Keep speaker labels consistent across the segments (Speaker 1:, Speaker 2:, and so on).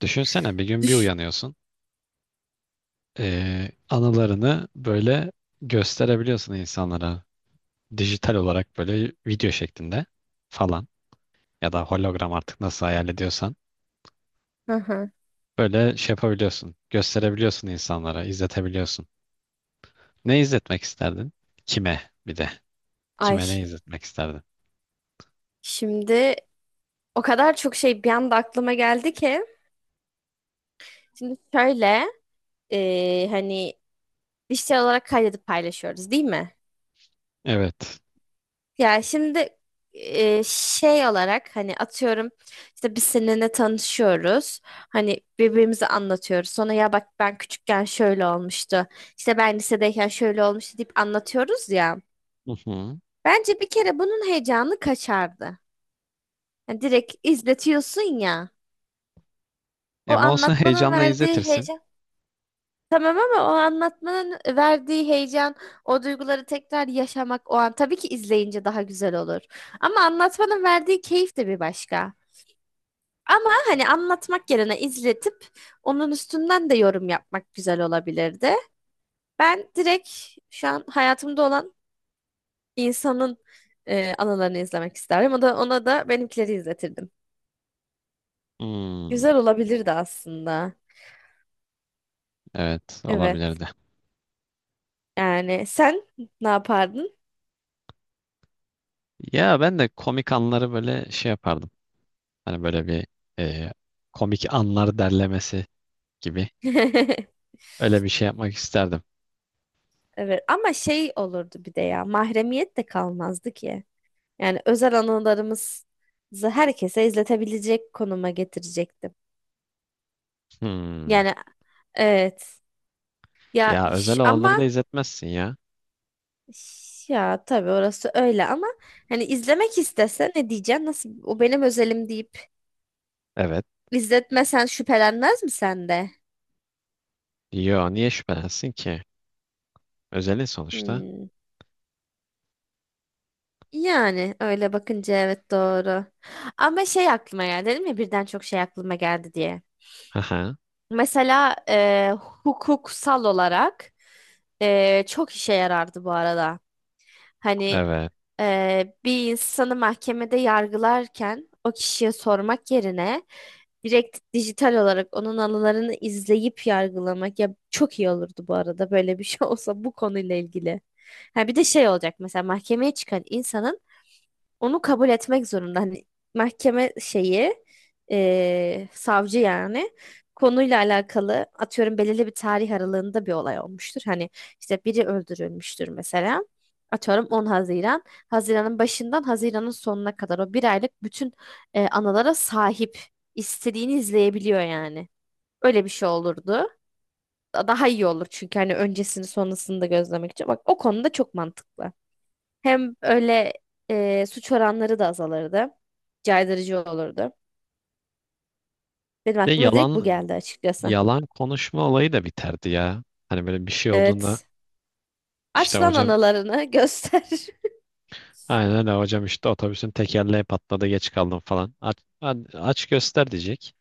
Speaker 1: Düşünsene bir gün bir
Speaker 2: Düş.
Speaker 1: uyanıyorsun. Anılarını böyle gösterebiliyorsun insanlara. Dijital olarak böyle video şeklinde falan. Ya da hologram artık nasıl hayal ediyorsan.
Speaker 2: Hı hı.
Speaker 1: Böyle şey yapabiliyorsun. Gösterebiliyorsun insanlara. İzletebiliyorsun. Ne izletmek isterdin? Kime bir de.
Speaker 2: Ay,
Speaker 1: Kime ne izletmek isterdin?
Speaker 2: şimdi o kadar çok şey bir anda aklıma geldi ki. Şimdi şöyle hani dijital olarak kaydedip paylaşıyoruz değil mi?
Speaker 1: Evet.
Speaker 2: Ya şimdi şey olarak hani atıyorum işte biz seninle tanışıyoruz. Hani birbirimize anlatıyoruz. Sonra ya bak, ben küçükken şöyle olmuştu. İşte ben lisedeyken şöyle olmuştu deyip anlatıyoruz ya.
Speaker 1: Hı hı.
Speaker 2: Bence bir kere bunun heyecanı kaçardı. Yani direkt izletiyorsun ya. O
Speaker 1: Ama olsun
Speaker 2: anlatmanın
Speaker 1: heyecanla
Speaker 2: verdiği
Speaker 1: izletirsin.
Speaker 2: heyecan. Tamam, ama o anlatmanın verdiği heyecan, o duyguları tekrar yaşamak, o an tabii ki izleyince daha güzel olur. Ama anlatmanın verdiği keyif de bir başka. Ama hani anlatmak yerine izletip onun üstünden de yorum yapmak güzel olabilirdi. Ben direkt şu an hayatımda olan insanın anılarını izlemek isterdim. O da ona da benimkileri izletirdim.
Speaker 1: Hmm,
Speaker 2: Güzel olabilirdi aslında.
Speaker 1: evet
Speaker 2: Evet.
Speaker 1: olabilirdi.
Speaker 2: Yani sen ne yapardın?
Speaker 1: Ya ben de komik anları böyle şey yapardım. Hani böyle bir e, komik anlar derlemesi gibi. Öyle bir şey yapmak isterdim.
Speaker 2: Evet, ama şey olurdu bir de ya, mahremiyet de kalmazdı ki. Yani özel anılarımızı herkese izletebilecek konuma getirecektim.
Speaker 1: Hmm.
Speaker 2: Yani evet, ya
Speaker 1: Ya özel
Speaker 2: ama
Speaker 1: olanları da izletmezsin ya.
Speaker 2: ya tabii, orası öyle ama hani izlemek istese ne diyeceksin? Nasıl, o benim özelim deyip
Speaker 1: Evet.
Speaker 2: izletmesen şüphelenmez mi sen de?
Speaker 1: Yo, niye şüphelensin ki? Özelin sonuçta.
Speaker 2: Hmm. Yani öyle bakınca evet, doğru. Ama şey aklıma geldi, dedim ya birden çok şey aklıma geldi diye.
Speaker 1: Haha.
Speaker 2: Mesela hukuksal olarak çok işe yarardı bu arada. Hani
Speaker 1: Evet.
Speaker 2: bir insanı mahkemede yargılarken o kişiye sormak yerine direkt dijital olarak onun anılarını izleyip yargılamak ya, çok iyi olurdu bu arada böyle bir şey olsa bu konuyla ilgili. Ha, bir de şey olacak, mesela mahkemeye çıkan insanın onu kabul etmek zorunda. Hani mahkeme şeyi, savcı yani, konuyla alakalı atıyorum belirli bir tarih aralığında bir olay olmuştur. Hani işte biri öldürülmüştür mesela. Atıyorum 10 Haziran. Haziran'ın başından Haziran'ın sonuna kadar o bir aylık bütün anılara sahip. İstediğini izleyebiliyor yani. Öyle bir şey olurdu. Daha iyi olur çünkü hani öncesini sonrasını da gözlemek için. Bak, o konuda çok mantıklı. Hem öyle suç oranları da azalırdı. Caydırıcı olurdu. Benim
Speaker 1: Ve
Speaker 2: aklıma direkt bu
Speaker 1: yalan
Speaker 2: geldi açıkçası.
Speaker 1: yalan konuşma olayı da biterdi ya. Hani böyle bir şey olduğunda
Speaker 2: Evet.
Speaker 1: işte
Speaker 2: Aç lan
Speaker 1: hocam,
Speaker 2: analarını göster.
Speaker 1: aynen öyle hocam, işte otobüsün tekerleği patladı, geç kaldım falan. Aç, aç göster diyecek.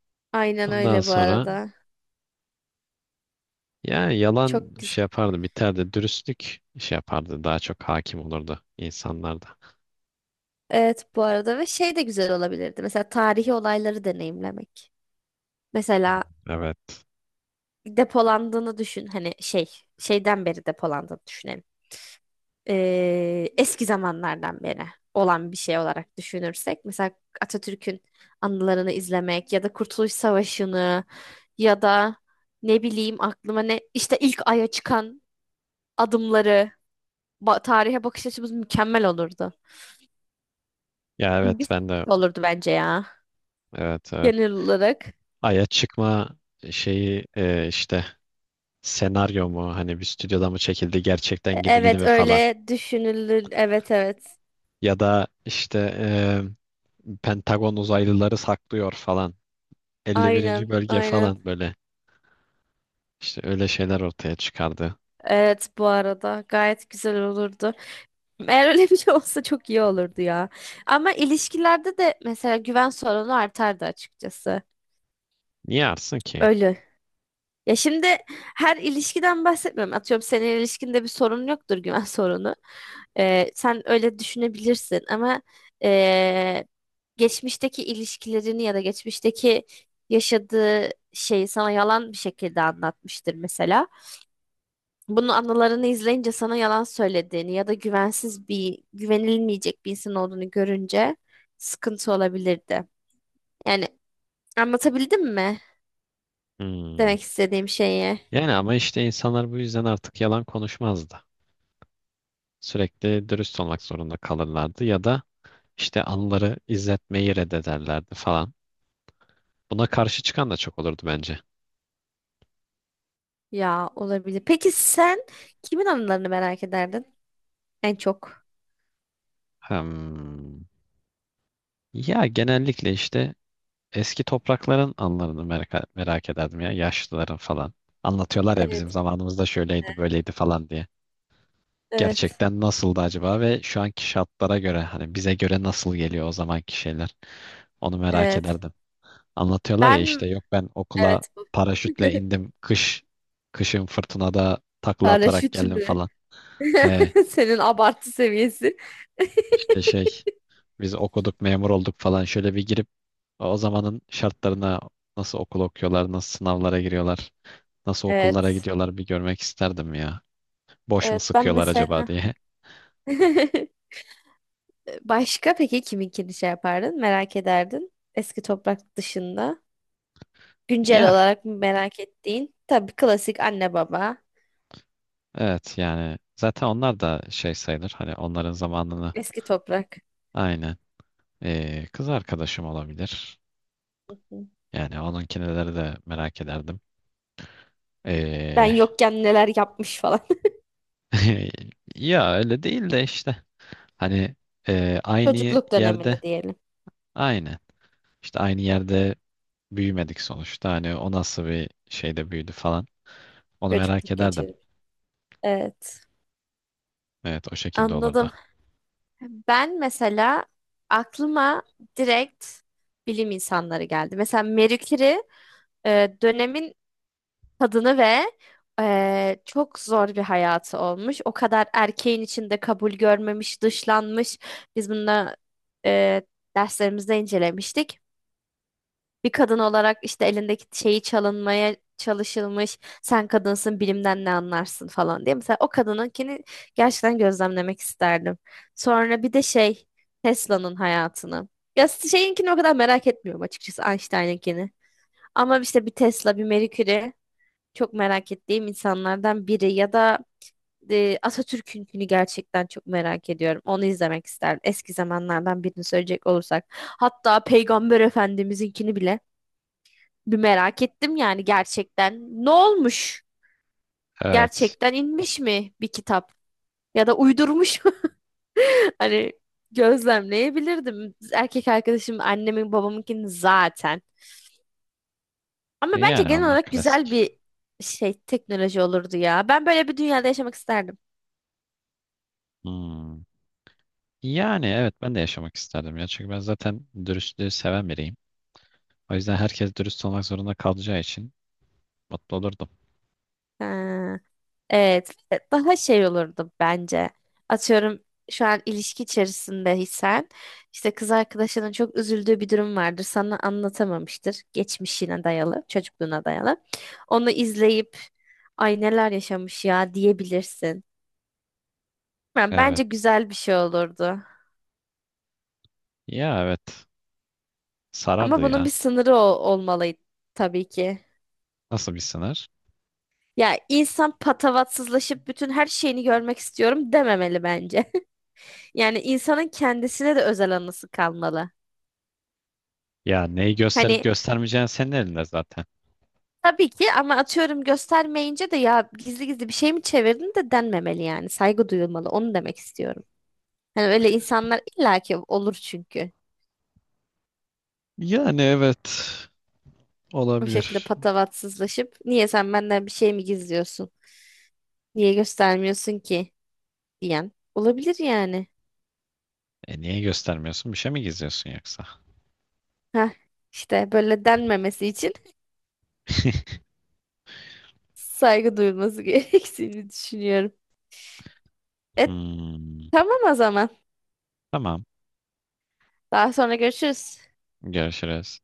Speaker 2: Aynen
Speaker 1: Ondan
Speaker 2: öyle bu
Speaker 1: sonra
Speaker 2: arada.
Speaker 1: yani yalan
Speaker 2: Çok güzel.
Speaker 1: şey yapardı, biterdi. Dürüstlük şey yapardı. Daha çok hakim olurdu insanlarda.
Speaker 2: Evet, bu arada ve şey de güzel olabilirdi. Mesela tarihi olayları deneyimlemek. Mesela
Speaker 1: Evet.
Speaker 2: depolandığını düşün. Hani şey, şeyden beri depolandığını düşünelim. Eski zamanlardan beri olan bir şey olarak düşünürsek mesela Atatürk'ün anılarını izlemek ya da Kurtuluş Savaşı'nı ya da ne bileyim, aklıma ne, işte ilk aya çıkan adımları, tarihe bakış açımız mükemmel olurdu.
Speaker 1: Ya evet
Speaker 2: Güzel
Speaker 1: ben de,
Speaker 2: olurdu bence ya,
Speaker 1: evet evet.
Speaker 2: genel olarak.
Speaker 1: Ay'a çıkma şeyi, işte senaryo mu, hani bir stüdyoda mı çekildi, gerçekten gidildi
Speaker 2: Evet,
Speaker 1: mi falan.
Speaker 2: öyle düşünülür. Evet, evet.
Speaker 1: Ya da işte, Pentagon uzaylıları saklıyor falan. 51.
Speaker 2: Aynen,
Speaker 1: bölge
Speaker 2: aynen.
Speaker 1: falan böyle. İşte öyle şeyler ortaya çıkardı.
Speaker 2: Evet, bu arada gayet güzel olurdu. Eğer öyle bir şey olsa çok iyi olurdu ya. Ama ilişkilerde de mesela güven sorunu artardı açıkçası.
Speaker 1: Niye arsın ki?
Speaker 2: Öyle. Ya şimdi, her ilişkiden bahsetmiyorum. Atıyorum senin ilişkinde bir sorun yoktur, güven sorunu. Sen öyle düşünebilirsin ama ee, geçmişteki ilişkilerini ya da geçmişteki yaşadığı şeyi sana yalan bir şekilde anlatmıştır mesela. Bunun anılarını izleyince sana yalan söylediğini ya da güvensiz bir, güvenilmeyecek bir insan olduğunu görünce sıkıntı olabilirdi. Yani anlatabildim mi
Speaker 1: Hmm.
Speaker 2: demek istediğim şeyi?
Speaker 1: Yani ama işte insanlar bu yüzden artık yalan konuşmazdı. Sürekli dürüst olmak zorunda kalırlardı ya da işte anıları izletmeyi reddederlerdi falan. Buna karşı çıkan da çok olurdu bence.
Speaker 2: Ya, olabilir. Peki sen kimin anılarını merak ederdin en çok?
Speaker 1: Hmm. Ya genellikle işte eski toprakların anılarını merak ederdim ya, yaşlıların falan. Anlatıyorlar ya bizim
Speaker 2: Evet.
Speaker 1: zamanımızda şöyleydi böyleydi falan diye.
Speaker 2: Evet.
Speaker 1: Gerçekten nasıldı acaba ve şu anki şartlara göre, hani bize göre nasıl geliyor o zamanki şeyler, onu merak
Speaker 2: Evet.
Speaker 1: ederdim. Anlatıyorlar ya
Speaker 2: Ben,
Speaker 1: işte, yok ben okula
Speaker 2: evet, bu.
Speaker 1: paraşütle indim, kışın fırtınada takla atarak
Speaker 2: Paraşüt
Speaker 1: geldim
Speaker 2: mü?
Speaker 1: falan. He,
Speaker 2: Senin abartı seviyesi.
Speaker 1: işte şey, biz okuduk memur olduk falan, şöyle bir girip o zamanın şartlarına, nasıl okul okuyorlar, nasıl sınavlara giriyorlar, nasıl okullara
Speaker 2: Evet.
Speaker 1: gidiyorlar, bir görmek isterdim ya. Boş mu
Speaker 2: Evet, ben
Speaker 1: sıkıyorlar acaba
Speaker 2: mesela
Speaker 1: diye.
Speaker 2: Başka peki kiminkini şey yapardın? Merak ederdin. Eski toprak dışında. Güncel
Speaker 1: Ya
Speaker 2: olarak mı merak ettiğin? Tabii klasik anne baba.
Speaker 1: evet, yani zaten onlar da şey sayılır, hani onların zamanını.
Speaker 2: Eski toprak.
Speaker 1: Aynen. Kız arkadaşım olabilir.
Speaker 2: Hı hı.
Speaker 1: Yani onunkineleri de merak ederdim.
Speaker 2: Ben
Speaker 1: Ee,
Speaker 2: yokken neler yapmış falan.
Speaker 1: ya öyle değil de işte hani, aynı
Speaker 2: Çocukluk
Speaker 1: yerde
Speaker 2: dönemini diyelim.
Speaker 1: aynı işte aynı yerde büyümedik sonuçta, hani o nasıl bir şeyde büyüdü falan, onu merak
Speaker 2: Çocukluk
Speaker 1: ederdim.
Speaker 2: geçirmiş. Evet.
Speaker 1: Evet o şekilde olurdu.
Speaker 2: Anladım. Ben mesela aklıma direkt bilim insanları geldi. Mesela Marie Curie, dönemin kadını ve çok zor bir hayatı olmuş. O kadar erkeğin içinde kabul görmemiş, dışlanmış. Biz bunu eee derslerimizde incelemiştik. Bir kadın olarak işte elindeki şeyi çalınmaya çalışılmış. Sen kadınsın, bilimden ne anlarsın falan diye. Mesela o kadınınkini gerçekten gözlemlemek isterdim. Sonra bir de şey, Tesla'nın hayatını. Ya, şeyinkini o kadar merak etmiyorum açıkçası, Einstein'ınkini. Ama işte bir Tesla, bir Mercury çok merak ettiğim insanlardan biri, ya da Atatürk'ünkünü gerçekten çok merak ediyorum. Onu izlemek isterdim. Eski zamanlardan birini söyleyecek olursak. Hatta Peygamber Efendimiz'inkini bile bir merak ettim yani, gerçekten. Ne olmuş?
Speaker 1: Evet.
Speaker 2: Gerçekten inmiş mi bir kitap? Ya da uydurmuş mu? Hani gözlemleyebilirdim. Erkek arkadaşım, annemin babamınkini zaten. Ama bence
Speaker 1: Yani
Speaker 2: genel
Speaker 1: onlar
Speaker 2: olarak güzel
Speaker 1: klasik.
Speaker 2: bir şey, teknoloji olurdu ya. Ben böyle bir dünyada yaşamak isterdim.
Speaker 1: Hmm. Yani evet ben de yaşamak isterdim ya, çünkü ben zaten dürüstlüğü seven biriyim. O yüzden herkes dürüst olmak zorunda kalacağı için mutlu olurdum.
Speaker 2: Ha. Evet, ve daha şey olurdu bence. Atıyorum şu an ilişki içerisindeysen işte kız arkadaşının çok üzüldüğü bir durum vardır. Sana anlatamamıştır. Geçmişine dayalı, çocukluğuna dayalı. Onu izleyip ay, neler yaşamış ya diyebilirsin. Yani bence
Speaker 1: Evet,
Speaker 2: güzel bir şey olurdu.
Speaker 1: ya evet
Speaker 2: Ama
Speaker 1: sarardı
Speaker 2: bunun
Speaker 1: ya.
Speaker 2: bir sınırı olmalı tabii ki.
Speaker 1: Nasıl bir sınır?
Speaker 2: Ya, insan patavatsızlaşıp bütün her şeyini görmek istiyorum dememeli bence. Yani insanın kendisine de özel anısı kalmalı.
Speaker 1: Ya neyi gösterip
Speaker 2: Hani
Speaker 1: göstermeyeceğin senin elinde zaten.
Speaker 2: tabii ki, ama atıyorum göstermeyince de ya, gizli gizli bir şey mi çevirdin de denmemeli yani. Saygı duyulmalı. Onu demek istiyorum. Hani öyle insanlar illaki olur çünkü.
Speaker 1: Yani evet
Speaker 2: Bu şekilde
Speaker 1: olabilir.
Speaker 2: patavatsızlaşıp niye sen benden bir şey mi gizliyorsun? Niye göstermiyorsun ki? Diyen olabilir yani.
Speaker 1: Niye göstermiyorsun? Bir şey mi gizliyorsun yoksa?
Speaker 2: Heh, işte böyle denmemesi için saygı duyulması gerektiğini düşünüyorum. E
Speaker 1: Hmm,
Speaker 2: tamam, o zaman.
Speaker 1: tamam.
Speaker 2: Daha sonra görüşürüz.
Speaker 1: Görüşürüz.